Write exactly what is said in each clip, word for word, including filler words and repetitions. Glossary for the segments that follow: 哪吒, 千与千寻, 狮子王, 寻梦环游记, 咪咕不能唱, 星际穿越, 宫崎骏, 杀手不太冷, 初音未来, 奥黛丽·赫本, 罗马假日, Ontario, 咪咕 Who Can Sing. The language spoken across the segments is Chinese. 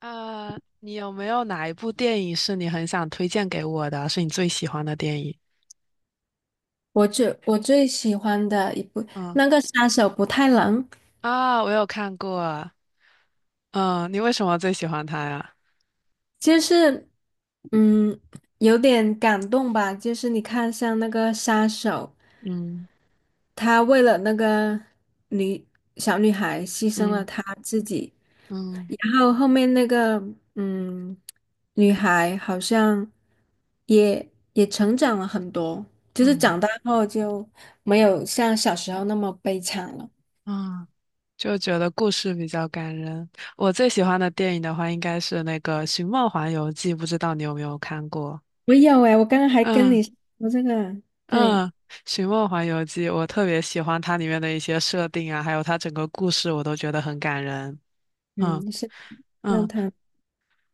呃，你有没有哪一部电影是你很想推荐给我的，是你最喜欢的电影？我最我最喜欢的一部嗯那个杀手不太冷。啊，我有看过。嗯，你为什么最喜欢它呀？就是嗯有点感动吧，就是你看像那个杀手，嗯他为了那个女小女孩牺牲嗯了他自己，嗯然后后面那个嗯女孩好像也也成长了很多，就是嗯长大后就没有像小时候那么悲惨了。嗯，就觉得故事比较感人。我最喜欢的电影的话，应该是那个《寻梦环游记》，不知道你有没有看过？我有诶，我刚刚还跟嗯你说这个，嗯，对。《寻梦环游记》我特别喜欢它里面的一些设定啊，还有它整个故事，我都觉得很感人。嗯。嗯，是让嗯，他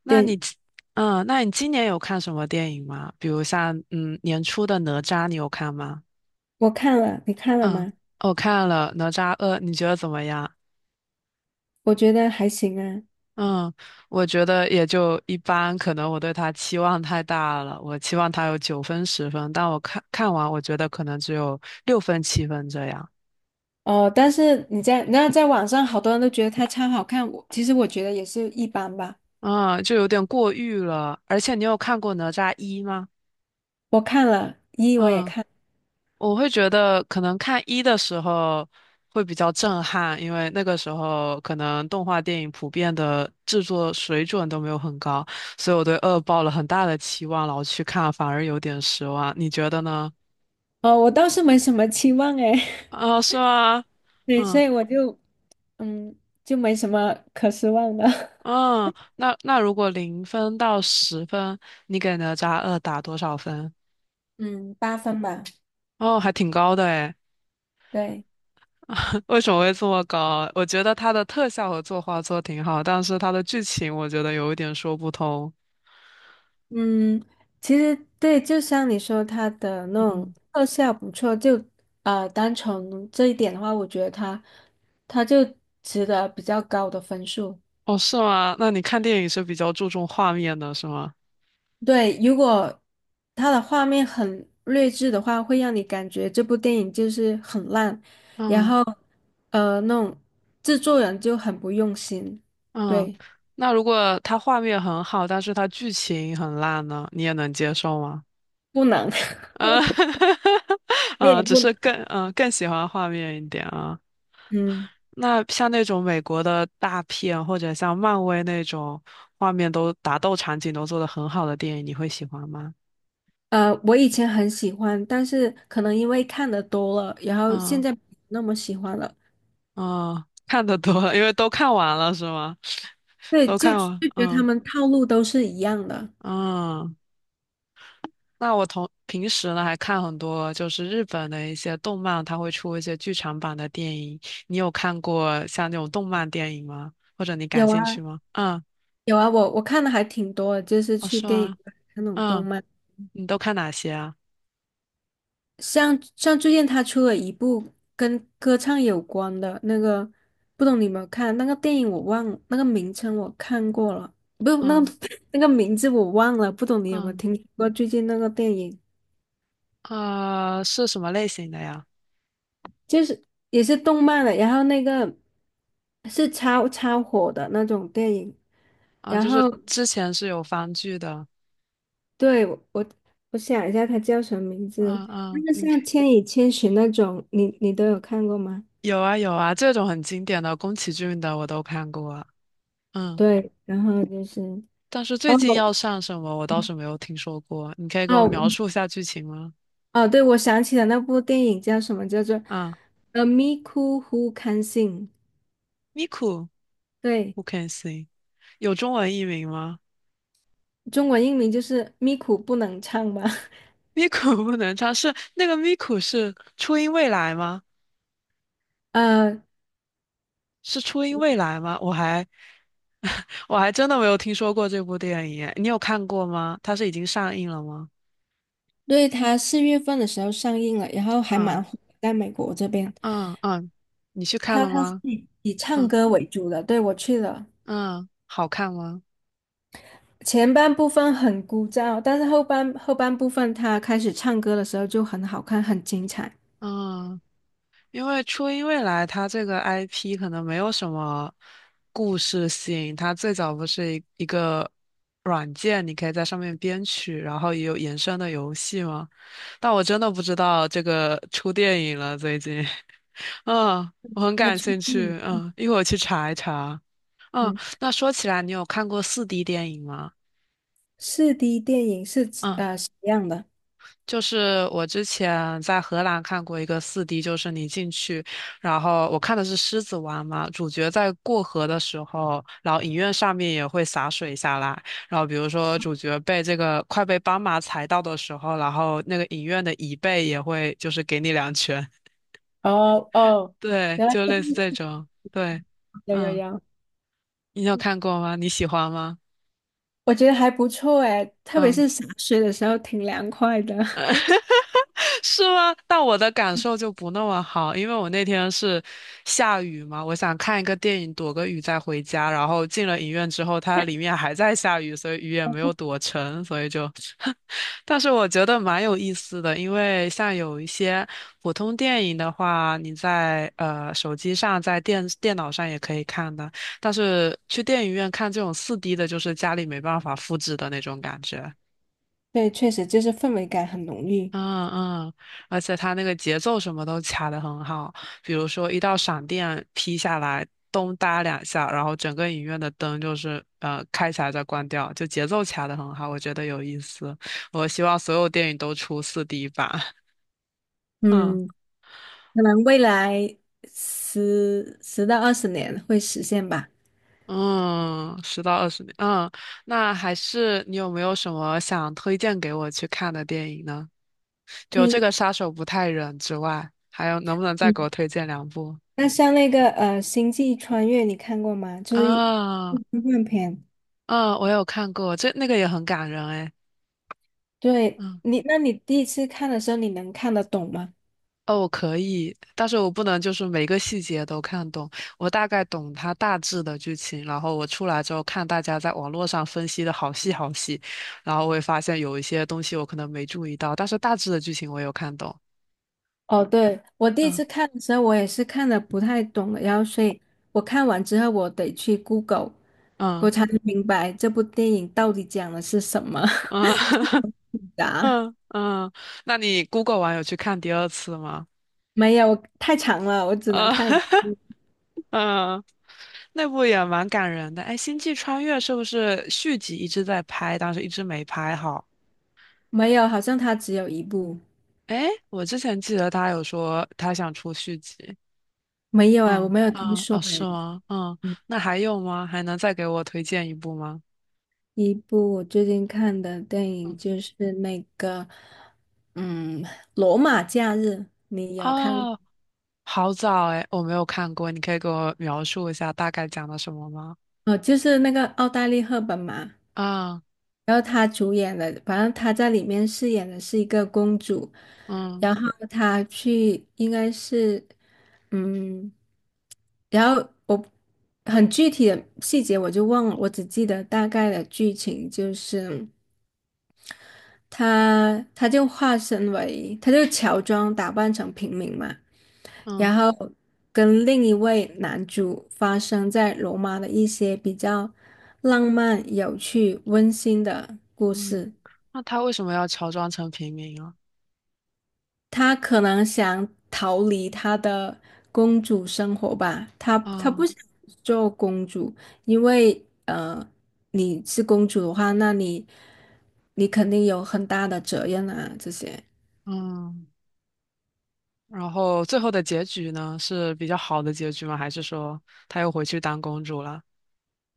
那电。你今嗯，那你今年有看什么电影吗？比如像，嗯，年初的《哪吒》，你有看吗？我看了，你看了嗯，吗？我看了《哪吒二》，你觉得怎么样？我觉得还行啊。嗯，我觉得也就一般，可能我对它期望太大了，我期望它有九分十分，但我看看完，我觉得可能只有六分七分这样，哦，但是你在那在网上，好多人都觉得他超好看，我其实我觉得也是一般吧。嗯，就有点过誉了。而且你有看过《哪吒一》吗？我看了一，我也嗯。看。我会觉得可能看一的时候会比较震撼，因为那个时候可能动画电影普遍的制作水准都没有很高，所以我对二抱了很大的期望，然后去看反而有点失望。你觉得呢？哦，我倒是没什么期望哎。啊，是吗？对，嗯所以我就嗯就没什么可失望的。嗯，那那如果零分到十分，你给哪吒二打多少分？嗯，八分吧。哦，还挺高的诶。对。为什么会这么高啊？我觉得它的特效和作画做挺好，但是它的剧情我觉得有一点说不通。嗯，其实对，就像你说，它的那种嗯，特效不错。就啊，单从这一点的话，我觉得它它就值得比较高的分数。哦，是吗？那你看电影是比较注重画面的，是吗？对，如果它的画面很劣质的话，会让你感觉这部电影就是很烂，然嗯后呃，那种制作人就很不用心。嗯，对，那如果它画面很好，但是它剧情很烂呢，你也能接受吗？不能。嗯，这也嗯，只不能。是更嗯更喜欢画面一点啊。嗯那像那种美国的大片，或者像漫威那种画面都打斗场景都做得很好的电影，你会喜欢吗？呃，我以前很喜欢，但是可能因为看的多了，然后现嗯在不那么喜欢了。嗯，看得多了，因为都看完了是吗？对，都就看就完，觉得他嗯们套路都是一样的。嗯。那我同平时呢还看很多就是日本的一些动漫，它会出一些剧场版的电影。你有看过像那种动漫电影吗？或者你感有兴趣啊，吗？嗯，有啊，我我看的还挺多的，就是哦，去是电影吗？院看那种动嗯，漫。你都看哪些啊？像像最近他出了一部跟歌唱有关的那个，不懂你有没有看？那个电影我忘了，那个名称我看过了。不，那嗯个 那个名字我忘了，不懂你有没有嗯，听说过最近那个电影？呃，是什么类型的呀？就是也是动漫的，然后那个是超超火的那种电影。啊，然就是后之前是有番剧的。对，我我我想一下它叫什么名字，嗯就嗯，是你像可《千与千寻》那种，你你都有看过吗？有啊有啊，这种很经典的宫崎骏的我都看过啊嗯，对，然后就是但是最哦近要上什么我倒是没有听说过，你可以给我哦描述一下剧情吗？哦，对，我想起了那部电影叫什么，叫做嗯。《呃咪咕 Who Can Sing》。Miku,Who 对，can sing？有中文译名吗中文译名就是《咪咕不能唱》吧。？Miku 不能唱，是那个 Miku 是初音未来吗？呃，是初音未来吗？我还 我还真的没有听说过这部电影耶你有看过吗？它是已经上映了吗？对，他四月份的时候上映了，然后还蛮嗯火的在美国这边。嗯嗯，你去看他了他是吗？以以唱嗯歌为主的，对，我去了。嗯，好看吗？前半部分很枯燥，但是后半后半部分他开始唱歌的时候就很好看，很精彩。嗯。因为初音未来它这个 I P 可能没有什么故事性，它最早不是一一个软件，你可以在上面编曲，然后也有延伸的游戏吗？但我真的不知道这个出电影了，最近，嗯，我很他感出兴电趣，影。嗯，一会儿去查一查。嗯，嗯，那说起来，你有看过四 d 电影吗？四 D 电影是指嗯。呃什么样的？就是我之前在荷兰看过一个四 d 就是你进去，然后我看的是《狮子王》嘛，主角在过河的时候，然后影院上面也会洒水下来，然后比如说主角被这个快被斑马踩到的时候，然后那个影院的椅背也会就是给你两拳，哦 哦，对，原来就这个类似这是，种，对，有有嗯，有。你有看过吗？你喜欢吗？我觉得还不错哎，特别嗯。是洒水的时候挺凉快的。是吗？但我的感受就不那么好，因为我那天是下雨嘛，我想看一个电影躲个雨再回家，然后进了影院之后，它里面还在下雨，所以雨也没有躲成，所以就，但是我觉得蛮有意思的，因为像有一些普通电影的话，你在呃手机上、在电电脑上也可以看的，但是去电影院看这种 四 D 的，就是家里没办法复制的那种感觉。对，确实就是氛围感很浓郁。嗯嗯，而且它那个节奏什么都卡得很好，比如说一道闪电劈下来，咚哒两下，然后整个影院的灯就是呃开起来再关掉，就节奏卡得很好，我觉得有意思。我希望所有电影都出四 d 版。嗯嗯。可能未来十十到二十年会实现吧。嗯，十到二十年，嗯，那还是你有没有什么想推荐给我去看的电影呢？就这对。个杀手不太冷之外，还有能不能再给嗯，我推荐两部？那像那个呃《星际穿越》，你看过吗？就是一啊科幻片。嗯，我有看过，这那个也很感人哎。对嗯，你，那你第一次看的时候，你能看得懂吗？哦，我可以，但是我不能就是每个细节都看懂，我大概懂它大致的剧情，然后我出来之后看大家在网络上分析的好细好细，然后我也发现有一些东西我可能没注意到，但是大致的剧情我有看懂。哦，对，我第一次嗯看的时候，我也是看的不太懂的，然后所以我看完之后，我得去 Google，我嗯才能明白这部电影到底讲的是什么。嗯 啊，嗯嗯，那你 Google 完有去看第二次吗？没有，太长了，我只能嗯 看一。 嗯，那部也蛮感人的。哎，《星际穿越》是不是续集一直在拍，但是一直没拍好？没有，好像它只有一部。哎，我之前记得他有说他想出续集。没有哎，我嗯没有听啊说哦，哎。是吗？嗯，嗯，那还有吗？还能再给我推荐一部吗？一部我最近看的电影嗯就是那个，嗯，《罗马假日》，你有看过？哦，好早哎，我没有看过，你可以给我描述一下大概讲的什么吗？哦，就是那个奥黛丽·赫本嘛。啊然后她主演的，反正她在里面饰演的是一个公主，嗯然后她去应该是，嗯，然后我很具体的细节我就忘了，我只记得大概的剧情就是。他他就化身为，他就乔装打扮成平民嘛，嗯然后跟另一位男主发生在罗马的一些比较浪漫、有趣、温馨的故嗯，事。那他为什么要乔装成平民啊？他可能想逃离他的公主生活吧，他他不啊想做公主。因为呃，你是公主的话，那你你肯定有很大的责任啊，这些。嗯。然后最后的结局呢，是比较好的结局吗？还是说他又回去当公主了？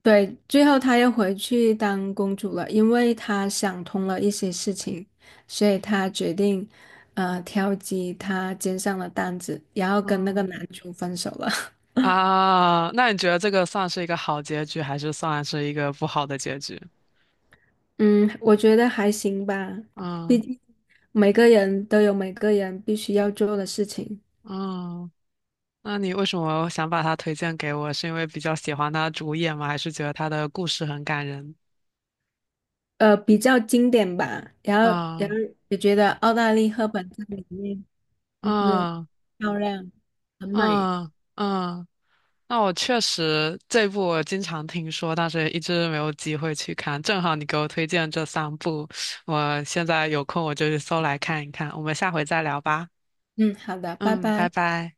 对，最后她又回去当公主了，因为她想通了一些事情，所以她决定，呃，挑起她肩上的担子，然后跟那个嗯男主分手了。啊，那你觉得这个算是一个好结局，还是算是一个不好的结局？嗯，我觉得还行吧，毕嗯竟每个人都有每个人必须要做的事情。嗯，那你为什么想把它推荐给我？是因为比较喜欢他主演吗？还是觉得他的故事很感人？呃，比较经典吧。然后，然后嗯也觉得澳大利赫本在里面就是嗯漂亮，很美。嗯嗯那我确实这部我经常听说，但是一直没有机会去看。正好你给我推荐这三部，我现在有空我就去搜来看一看。我们下回再聊吧。嗯，好的，拜嗯，拜拜。拜。